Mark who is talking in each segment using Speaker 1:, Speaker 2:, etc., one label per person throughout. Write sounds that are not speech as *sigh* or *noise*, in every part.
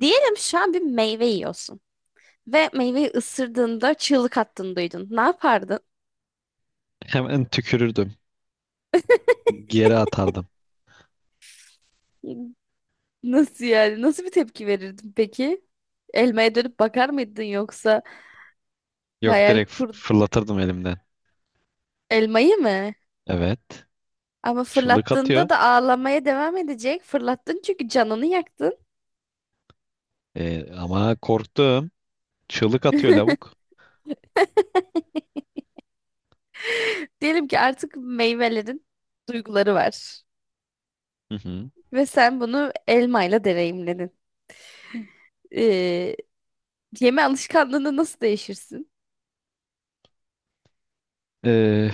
Speaker 1: Diyelim şu an bir meyve yiyorsun ve meyveyi ısırdığında çığlık attığını duydun. Ne yapardın?
Speaker 2: Hemen tükürürdüm. Geri atardım.
Speaker 1: Nasıl yani? Nasıl bir tepki verirdin peki? Elmaya dönüp bakar mıydın yoksa
Speaker 2: Yok
Speaker 1: hayal
Speaker 2: direkt
Speaker 1: kur
Speaker 2: fırlatırdım elimden.
Speaker 1: elmayı mı?
Speaker 2: Evet.
Speaker 1: Ama
Speaker 2: Çığlık atıyor.
Speaker 1: fırlattığında da ağlamaya devam edecek. Fırlattın çünkü canını yaktın.
Speaker 2: Ama korktum. Çığlık atıyor lavuk.
Speaker 1: Diyelim ki artık meyvelerin duyguları var
Speaker 2: Hı hı.
Speaker 1: ve sen bunu elmayla deneyimledin. Ee, Yeme alışkanlığını nasıl değişirsin?
Speaker 2: Ee,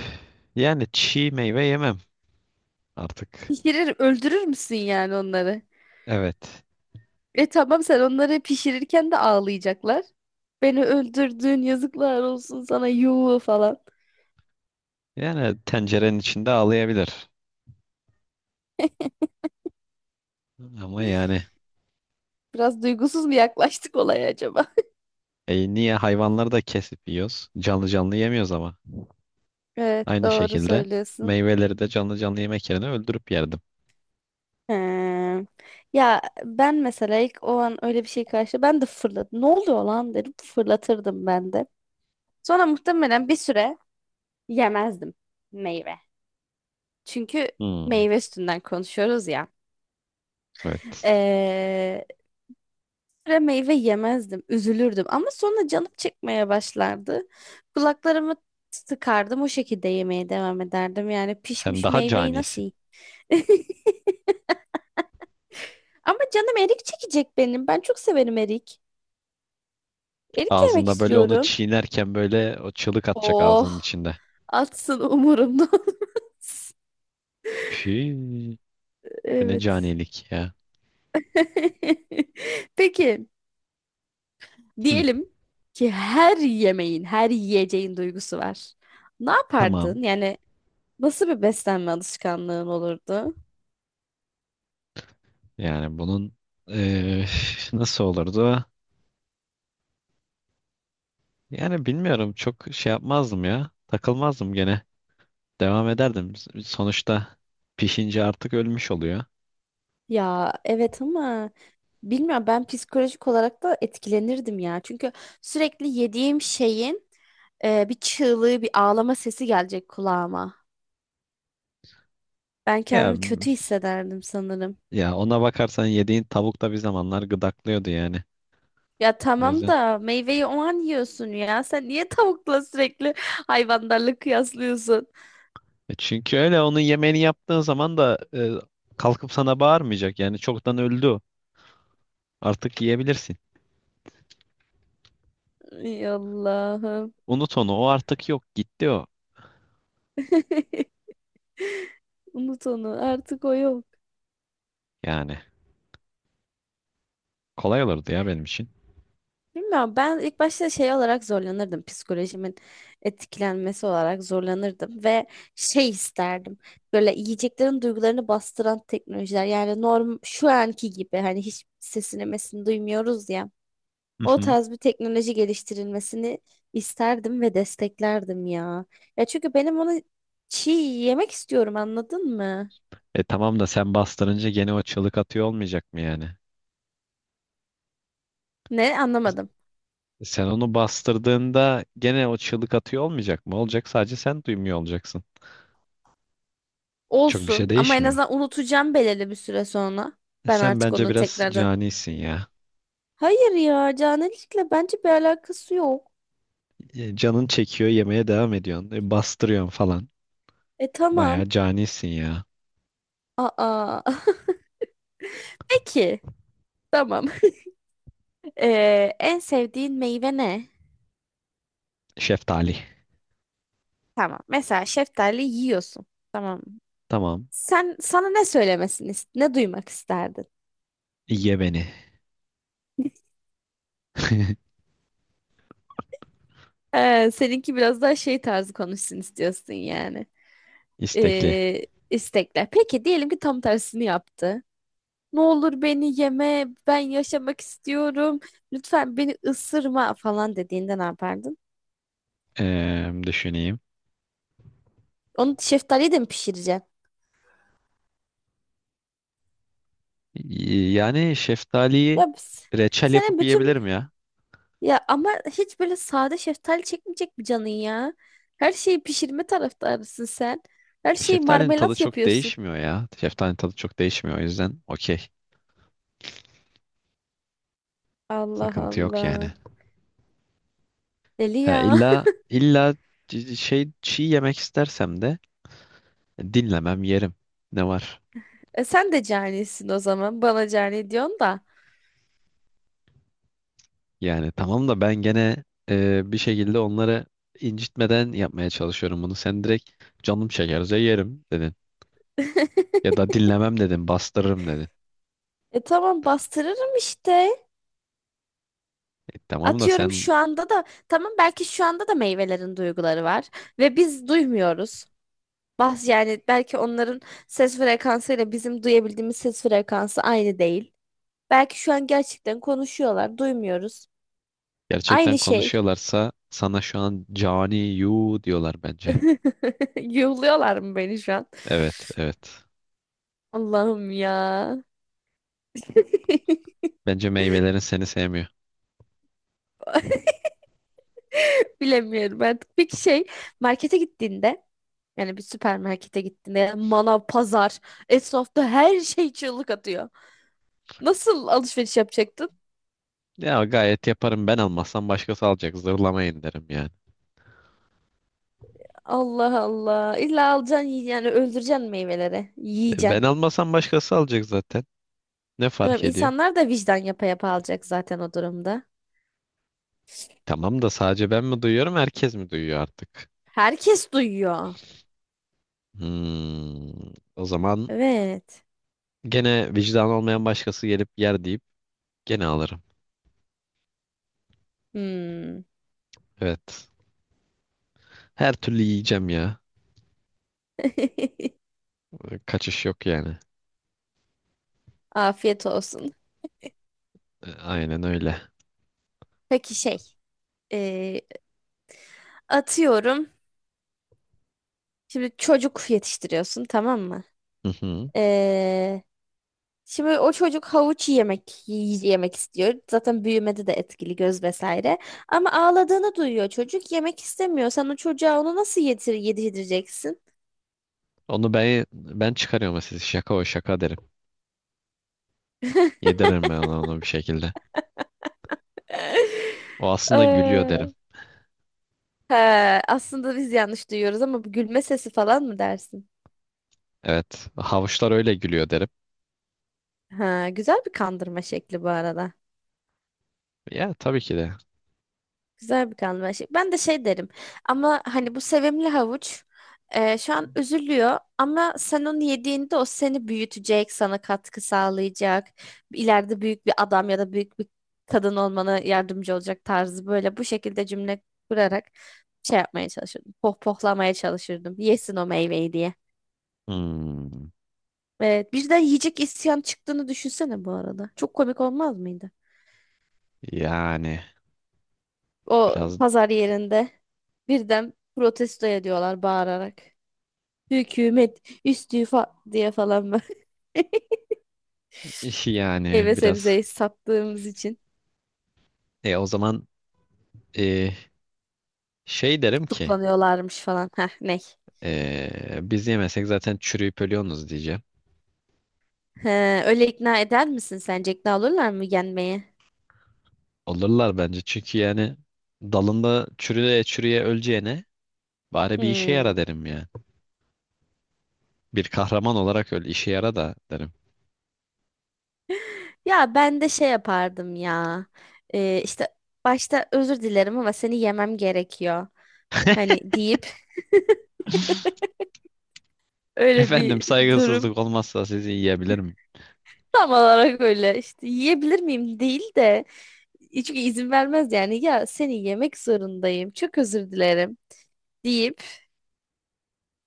Speaker 2: yani çiğ meyve yemem artık.
Speaker 1: Pişirir, öldürür müsün yani onları?
Speaker 2: Evet.
Speaker 1: E tamam sen onları pişirirken de ağlayacaklar. Beni öldürdün, yazıklar olsun sana, yuh falan.
Speaker 2: Yani tencerenin içinde ağlayabilir. Ama yani
Speaker 1: Biraz duygusuz mu yaklaştık olaya acaba? *laughs*
Speaker 2: niye hayvanları da kesip yiyoruz? Canlı canlı yemiyoruz ama.
Speaker 1: Evet,
Speaker 2: Aynı
Speaker 1: doğru
Speaker 2: şekilde
Speaker 1: söylüyorsun.
Speaker 2: meyveleri de canlı canlı yemek yerine öldürüp yerdim.
Speaker 1: He. Ya ben mesela ilk o an öyle bir şey karşı ben de fırladım. Ne oluyor lan derim, fırlatırdım ben de. Sonra muhtemelen bir süre yemezdim meyve. Çünkü
Speaker 2: Hmm,
Speaker 1: meyve üstünden konuşuyoruz ya.
Speaker 2: evet.
Speaker 1: Ee, Ve meyve yemezdim, üzülürdüm. Ama sonra canım çekmeye başlardı. Kulaklarımı sıkardım, o şekilde yemeye devam ederdim. Yani
Speaker 2: Sen
Speaker 1: pişmiş
Speaker 2: daha
Speaker 1: meyveyi nasıl
Speaker 2: canisin.
Speaker 1: yiyeyim? *laughs* Ama canım erik çekecek benim. Ben çok severim erik. Erik yemek
Speaker 2: Ağzında böyle onu
Speaker 1: istiyorum.
Speaker 2: çiğnerken böyle o çığlık atacak
Speaker 1: Oh,
Speaker 2: ağzının içinde.
Speaker 1: atsın umurumda. *laughs*
Speaker 2: Püh, bu ne
Speaker 1: Evet.
Speaker 2: canilik ya.
Speaker 1: *laughs* Peki,
Speaker 2: Hı,
Speaker 1: diyelim ki her yemeğin, her yiyeceğin duygusu var. Ne
Speaker 2: tamam.
Speaker 1: yapardın? Yani nasıl bir beslenme alışkanlığın olurdu?
Speaker 2: Yani bunun eee, nasıl olurdu? Yani bilmiyorum. Çok şey yapmazdım ya. Takılmazdım gene. Devam ederdim. Sonuçta pişince artık ölmüş oluyor.
Speaker 1: Ya evet, ama bilmiyorum, ben psikolojik olarak da etkilenirdim ya. Çünkü sürekli yediğim şeyin bir çığlığı, bir ağlama sesi gelecek kulağıma. Ben
Speaker 2: Ya
Speaker 1: kendimi kötü hissederdim sanırım.
Speaker 2: ya ona bakarsan yediğin tavuk da bir zamanlar gıdaklıyordu yani.
Speaker 1: Ya
Speaker 2: O
Speaker 1: tamam
Speaker 2: yüzden.
Speaker 1: da meyveyi o an yiyorsun ya. Sen niye tavukla sürekli hayvanlarla kıyaslıyorsun?
Speaker 2: Çünkü öyle onun yemeğini yaptığın zaman da kalkıp sana bağırmayacak. Yani çoktan öldü o. Artık yiyebilirsin.
Speaker 1: Ay Allah'ım.
Speaker 2: Unut onu. O artık yok. Gitti o.
Speaker 1: *laughs* Unut onu. Artık o yok.
Speaker 2: Yani kolay olurdu ya benim için.
Speaker 1: Bilmiyorum. Ben ilk başta şey olarak zorlanırdım. Psikolojimin etkilenmesi olarak zorlanırdım ve şey isterdim. Böyle yiyeceklerin duygularını bastıran teknolojiler. Yani norm şu anki gibi hani hiç sesini mesini duymuyoruz ya.
Speaker 2: Hı
Speaker 1: O
Speaker 2: hı.
Speaker 1: tarz bir teknoloji geliştirilmesini isterdim ve desteklerdim ya. Ya çünkü benim onu çiğ yemek istiyorum, anladın mı?
Speaker 2: Tamam da sen bastırınca gene o çığlık atıyor olmayacak mı yani?
Speaker 1: Ne, anlamadım.
Speaker 2: Sen onu bastırdığında gene o çığlık atıyor olmayacak mı? Olacak, sadece sen duymuyor olacaksın. Çok bir şey
Speaker 1: Olsun, ama en
Speaker 2: değişmiyor.
Speaker 1: azından unutacağım belirli bir süre sonra.
Speaker 2: E
Speaker 1: Ben
Speaker 2: sen
Speaker 1: artık
Speaker 2: bence
Speaker 1: onu
Speaker 2: biraz
Speaker 1: tekrardan.
Speaker 2: canisin ya.
Speaker 1: Hayır ya, canilikle bence bir alakası yok.
Speaker 2: Canın çekiyor, yemeye devam ediyorsun. Bastırıyorsun falan.
Speaker 1: E tamam.
Speaker 2: Bayağı canisin ya.
Speaker 1: Aa. *laughs* Peki. Tamam. *laughs* En sevdiğin meyve ne?
Speaker 2: Şeftali.
Speaker 1: Tamam. Mesela şeftali yiyorsun. Tamam.
Speaker 2: Tamam.
Speaker 1: Sen sana ne söylemesini, ne duymak isterdin?
Speaker 2: Ye beni. *laughs*
Speaker 1: Seninki biraz daha şey tarzı konuşsun istiyorsun yani.
Speaker 2: İstekli.
Speaker 1: Ee, istekler. Peki diyelim ki tam tersini yaptı. Ne olur beni yeme, ben yaşamak istiyorum. Lütfen beni ısırma falan dediğinde ne yapardın?
Speaker 2: Düşüneyim.
Speaker 1: Onu şeftaliyle de mi pişireceksin?
Speaker 2: Yani şeftaliyi
Speaker 1: Ya biz-
Speaker 2: reçel
Speaker 1: sana
Speaker 2: yapıp
Speaker 1: bütün,
Speaker 2: yiyebilirim ya.
Speaker 1: ya ama hiç böyle sade şeftali çekmeyecek mi canın ya? Her şeyi pişirme taraftarısın sen. Her şeyi
Speaker 2: Şeftalinin tadı
Speaker 1: marmelat
Speaker 2: çok
Speaker 1: yapıyorsun.
Speaker 2: değişmiyor ya. Şeftalinin tadı çok değişmiyor, o yüzden okey.
Speaker 1: Allah
Speaker 2: Sıkıntı yok
Speaker 1: Allah.
Speaker 2: yani.
Speaker 1: Deli
Speaker 2: Ha,
Speaker 1: ya.
Speaker 2: illa
Speaker 1: *laughs*
Speaker 2: illa şey çiğ yemek istersem de dinlemem, yerim. Ne var?
Speaker 1: E sen de canisin o zaman. Bana cani diyorsun da.
Speaker 2: Yani tamam da ben gene bir şekilde onları incitmeden yapmaya çalışıyorum bunu. Sen direkt canım çekerse yerim dedin.
Speaker 1: *laughs*
Speaker 2: Ya da dinlemem dedin, bastırırım dedin.
Speaker 1: E tamam, bastırırım işte.
Speaker 2: Tamam da
Speaker 1: Atıyorum
Speaker 2: sen
Speaker 1: şu anda da, tamam, belki şu anda da meyvelerin duyguları var ve biz duymuyoruz. Bas, yani belki onların ses frekansıyla bizim duyabildiğimiz ses frekansı aynı değil. Belki şu an gerçekten konuşuyorlar, duymuyoruz.
Speaker 2: gerçekten
Speaker 1: Aynı şey.
Speaker 2: konuşuyorlarsa sana şu an cani yu diyorlar bence.
Speaker 1: *laughs* Yuhluyorlar mı beni şu an?
Speaker 2: Evet, evet.
Speaker 1: Allah'ım ya. *laughs*
Speaker 2: Bence meyvelerin seni sevmiyor.
Speaker 1: Bilemiyorum artık. Peki şey, markete gittiğinde, yani bir süpermarkete gittiğinde manav, pazar, esnafta her şey çığlık atıyor. Nasıl alışveriş yapacaktın?
Speaker 2: Ya gayet yaparım, ben almasam başkası alacak. Zırlamayın derim yani.
Speaker 1: Allah Allah. İlla alacaksın, yani öldüreceksin meyveleri.
Speaker 2: Ben
Speaker 1: Yiyeceksin.
Speaker 2: almasam başkası alacak zaten. Ne
Speaker 1: Tamam,
Speaker 2: fark ediyor?
Speaker 1: insanlar da vicdan yapa yapa alacak zaten o durumda.
Speaker 2: Tamam da sadece ben mi duyuyorum, herkes mi duyuyor artık?
Speaker 1: Herkes duyuyor.
Speaker 2: Hmm, o zaman
Speaker 1: Evet.
Speaker 2: gene vicdan olmayan başkası gelip yer deyip gene alırım.
Speaker 1: Hmm.
Speaker 2: Evet. Her türlü yiyeceğim ya.
Speaker 1: *laughs*
Speaker 2: Kaçış yok yani.
Speaker 1: Afiyet olsun.
Speaker 2: Aynen öyle.
Speaker 1: Peki şey. e, atıyorum. Şimdi çocuk yetiştiriyorsun, tamam mı?
Speaker 2: *laughs*
Speaker 1: E, şimdi o çocuk havuç yemek yemek istiyor. Zaten büyümede de etkili, göz vesaire. Ama ağladığını duyuyor çocuk. Yemek istemiyor. Sen o çocuğa onu nasıl yedireceksin?
Speaker 2: Onu ben çıkarıyorum, siz şaka o şaka derim. Yediririm ben ona onu bir şekilde. O
Speaker 1: *laughs*
Speaker 2: aslında gülüyor derim.
Speaker 1: Ee, he, aslında biz yanlış duyuyoruz ama bu gülme sesi falan mı dersin?
Speaker 2: Evet. Havuçlar öyle gülüyor derim.
Speaker 1: Ha, güzel bir kandırma şekli bu arada.
Speaker 2: Ya tabii ki de.
Speaker 1: Güzel bir kanlı şey. Ben de şey derim, ama hani bu sevimli havuç şu an üzülüyor ama sen onu yediğinde o seni büyütecek, sana katkı sağlayacak. İleride büyük bir adam ya da büyük bir kadın olmana yardımcı olacak tarzı, böyle bu şekilde cümle kurarak şey yapmaya çalışırdım. Pohpohlamaya çalışırdım. Yesin o meyveyi diye.
Speaker 2: Hmm,
Speaker 1: Evet, birden yiyecek isyan çıktığını düşünsene bu arada. Çok komik olmaz mıydı?
Speaker 2: yani
Speaker 1: O
Speaker 2: biraz
Speaker 1: pazar yerinde birden protesto ediyorlar bağırarak. Hükümet istifa diye falan, böyle
Speaker 2: *laughs*
Speaker 1: *laughs*
Speaker 2: yani
Speaker 1: meyve
Speaker 2: biraz
Speaker 1: sebzeyi sattığımız için
Speaker 2: o zaman e, şey derim ki
Speaker 1: tutuklanıyorlarmış falan. Heh, ne?
Speaker 2: biz yemesek zaten çürüyüp ölüyorsunuz diyeceğim.
Speaker 1: He, öyle ikna eder misin sence? İkna olurlar mı yenmeye?
Speaker 2: Olurlar bence, çünkü yani dalında çürüye çürüye öleceğine bari bir işe yara
Speaker 1: Hmm.
Speaker 2: derim ya. Bir kahraman olarak öl, işe yara da derim.
Speaker 1: Ya ben de şey yapardım ya. İşte başta özür dilerim ama seni yemem gerekiyor.
Speaker 2: *laughs*
Speaker 1: Hani deyip öyle bir
Speaker 2: Efendim,
Speaker 1: durum
Speaker 2: saygısızlık olmazsa sizi yiyebilirim.
Speaker 1: tam olarak, öyle işte yiyebilir miyim değil de, çünkü izin vermez yani, ya seni yemek zorundayım çok özür dilerim deyip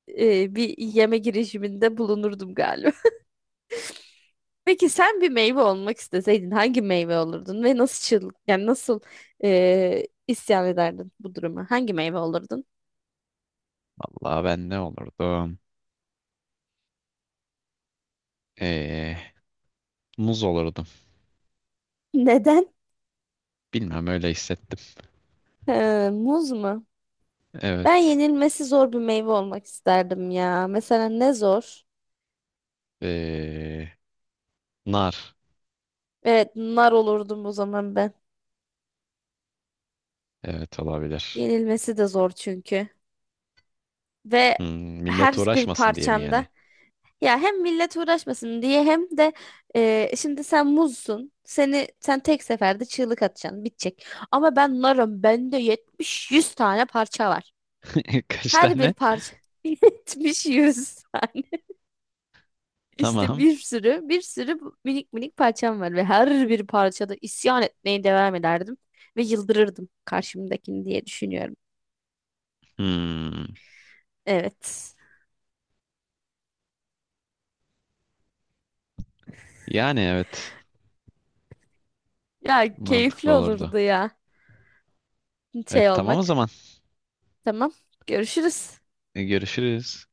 Speaker 1: bir yeme girişiminde bulunurdum galiba. *laughs* Peki sen bir meyve olmak isteseydin hangi meyve olurdun ve nasıl çığlık, yani nasıl isyan ederdin bu duruma? Hangi meyve olurdun?
Speaker 2: Vallahi ben ne olurdum? Ee, muz olurdum.
Speaker 1: *laughs* Neden?
Speaker 2: Bilmem, öyle hissettim.
Speaker 1: Muz mu? Ben
Speaker 2: Evet.
Speaker 1: yenilmesi zor bir meyve olmak isterdim ya. Mesela ne zor?
Speaker 2: Ee, nar.
Speaker 1: Evet, nar olurdum o zaman ben.
Speaker 2: Evet, olabilir.
Speaker 1: Yenilmesi de zor çünkü. Ve
Speaker 2: Hmm,
Speaker 1: her
Speaker 2: millet
Speaker 1: bir
Speaker 2: uğraşmasın diye mi
Speaker 1: parçamda,
Speaker 2: yani?
Speaker 1: ya hem millet uğraşmasın diye hem de şimdi sen muzsun. Seni sen tek seferde çığlık atacaksın, bitecek. Ama ben narım, bende 70-100 tane parça var.
Speaker 2: *laughs* Kaç
Speaker 1: Her bir
Speaker 2: tane?
Speaker 1: parça *laughs* 70-100 tane. İşte
Speaker 2: Tamam.
Speaker 1: bir sürü, bir sürü bu minik minik parçam var ve her bir parçada isyan etmeye devam ederdim ve yıldırırdım karşımdakini diye düşünüyorum.
Speaker 2: Hmm,
Speaker 1: Evet.
Speaker 2: yani evet.
Speaker 1: Ya
Speaker 2: Mantıklı
Speaker 1: keyifli
Speaker 2: olurdu.
Speaker 1: olurdu ya
Speaker 2: Evet,
Speaker 1: şey
Speaker 2: tamam o
Speaker 1: olmak.
Speaker 2: zaman.
Speaker 1: Tamam. Görüşürüz.
Speaker 2: Görüşürüz.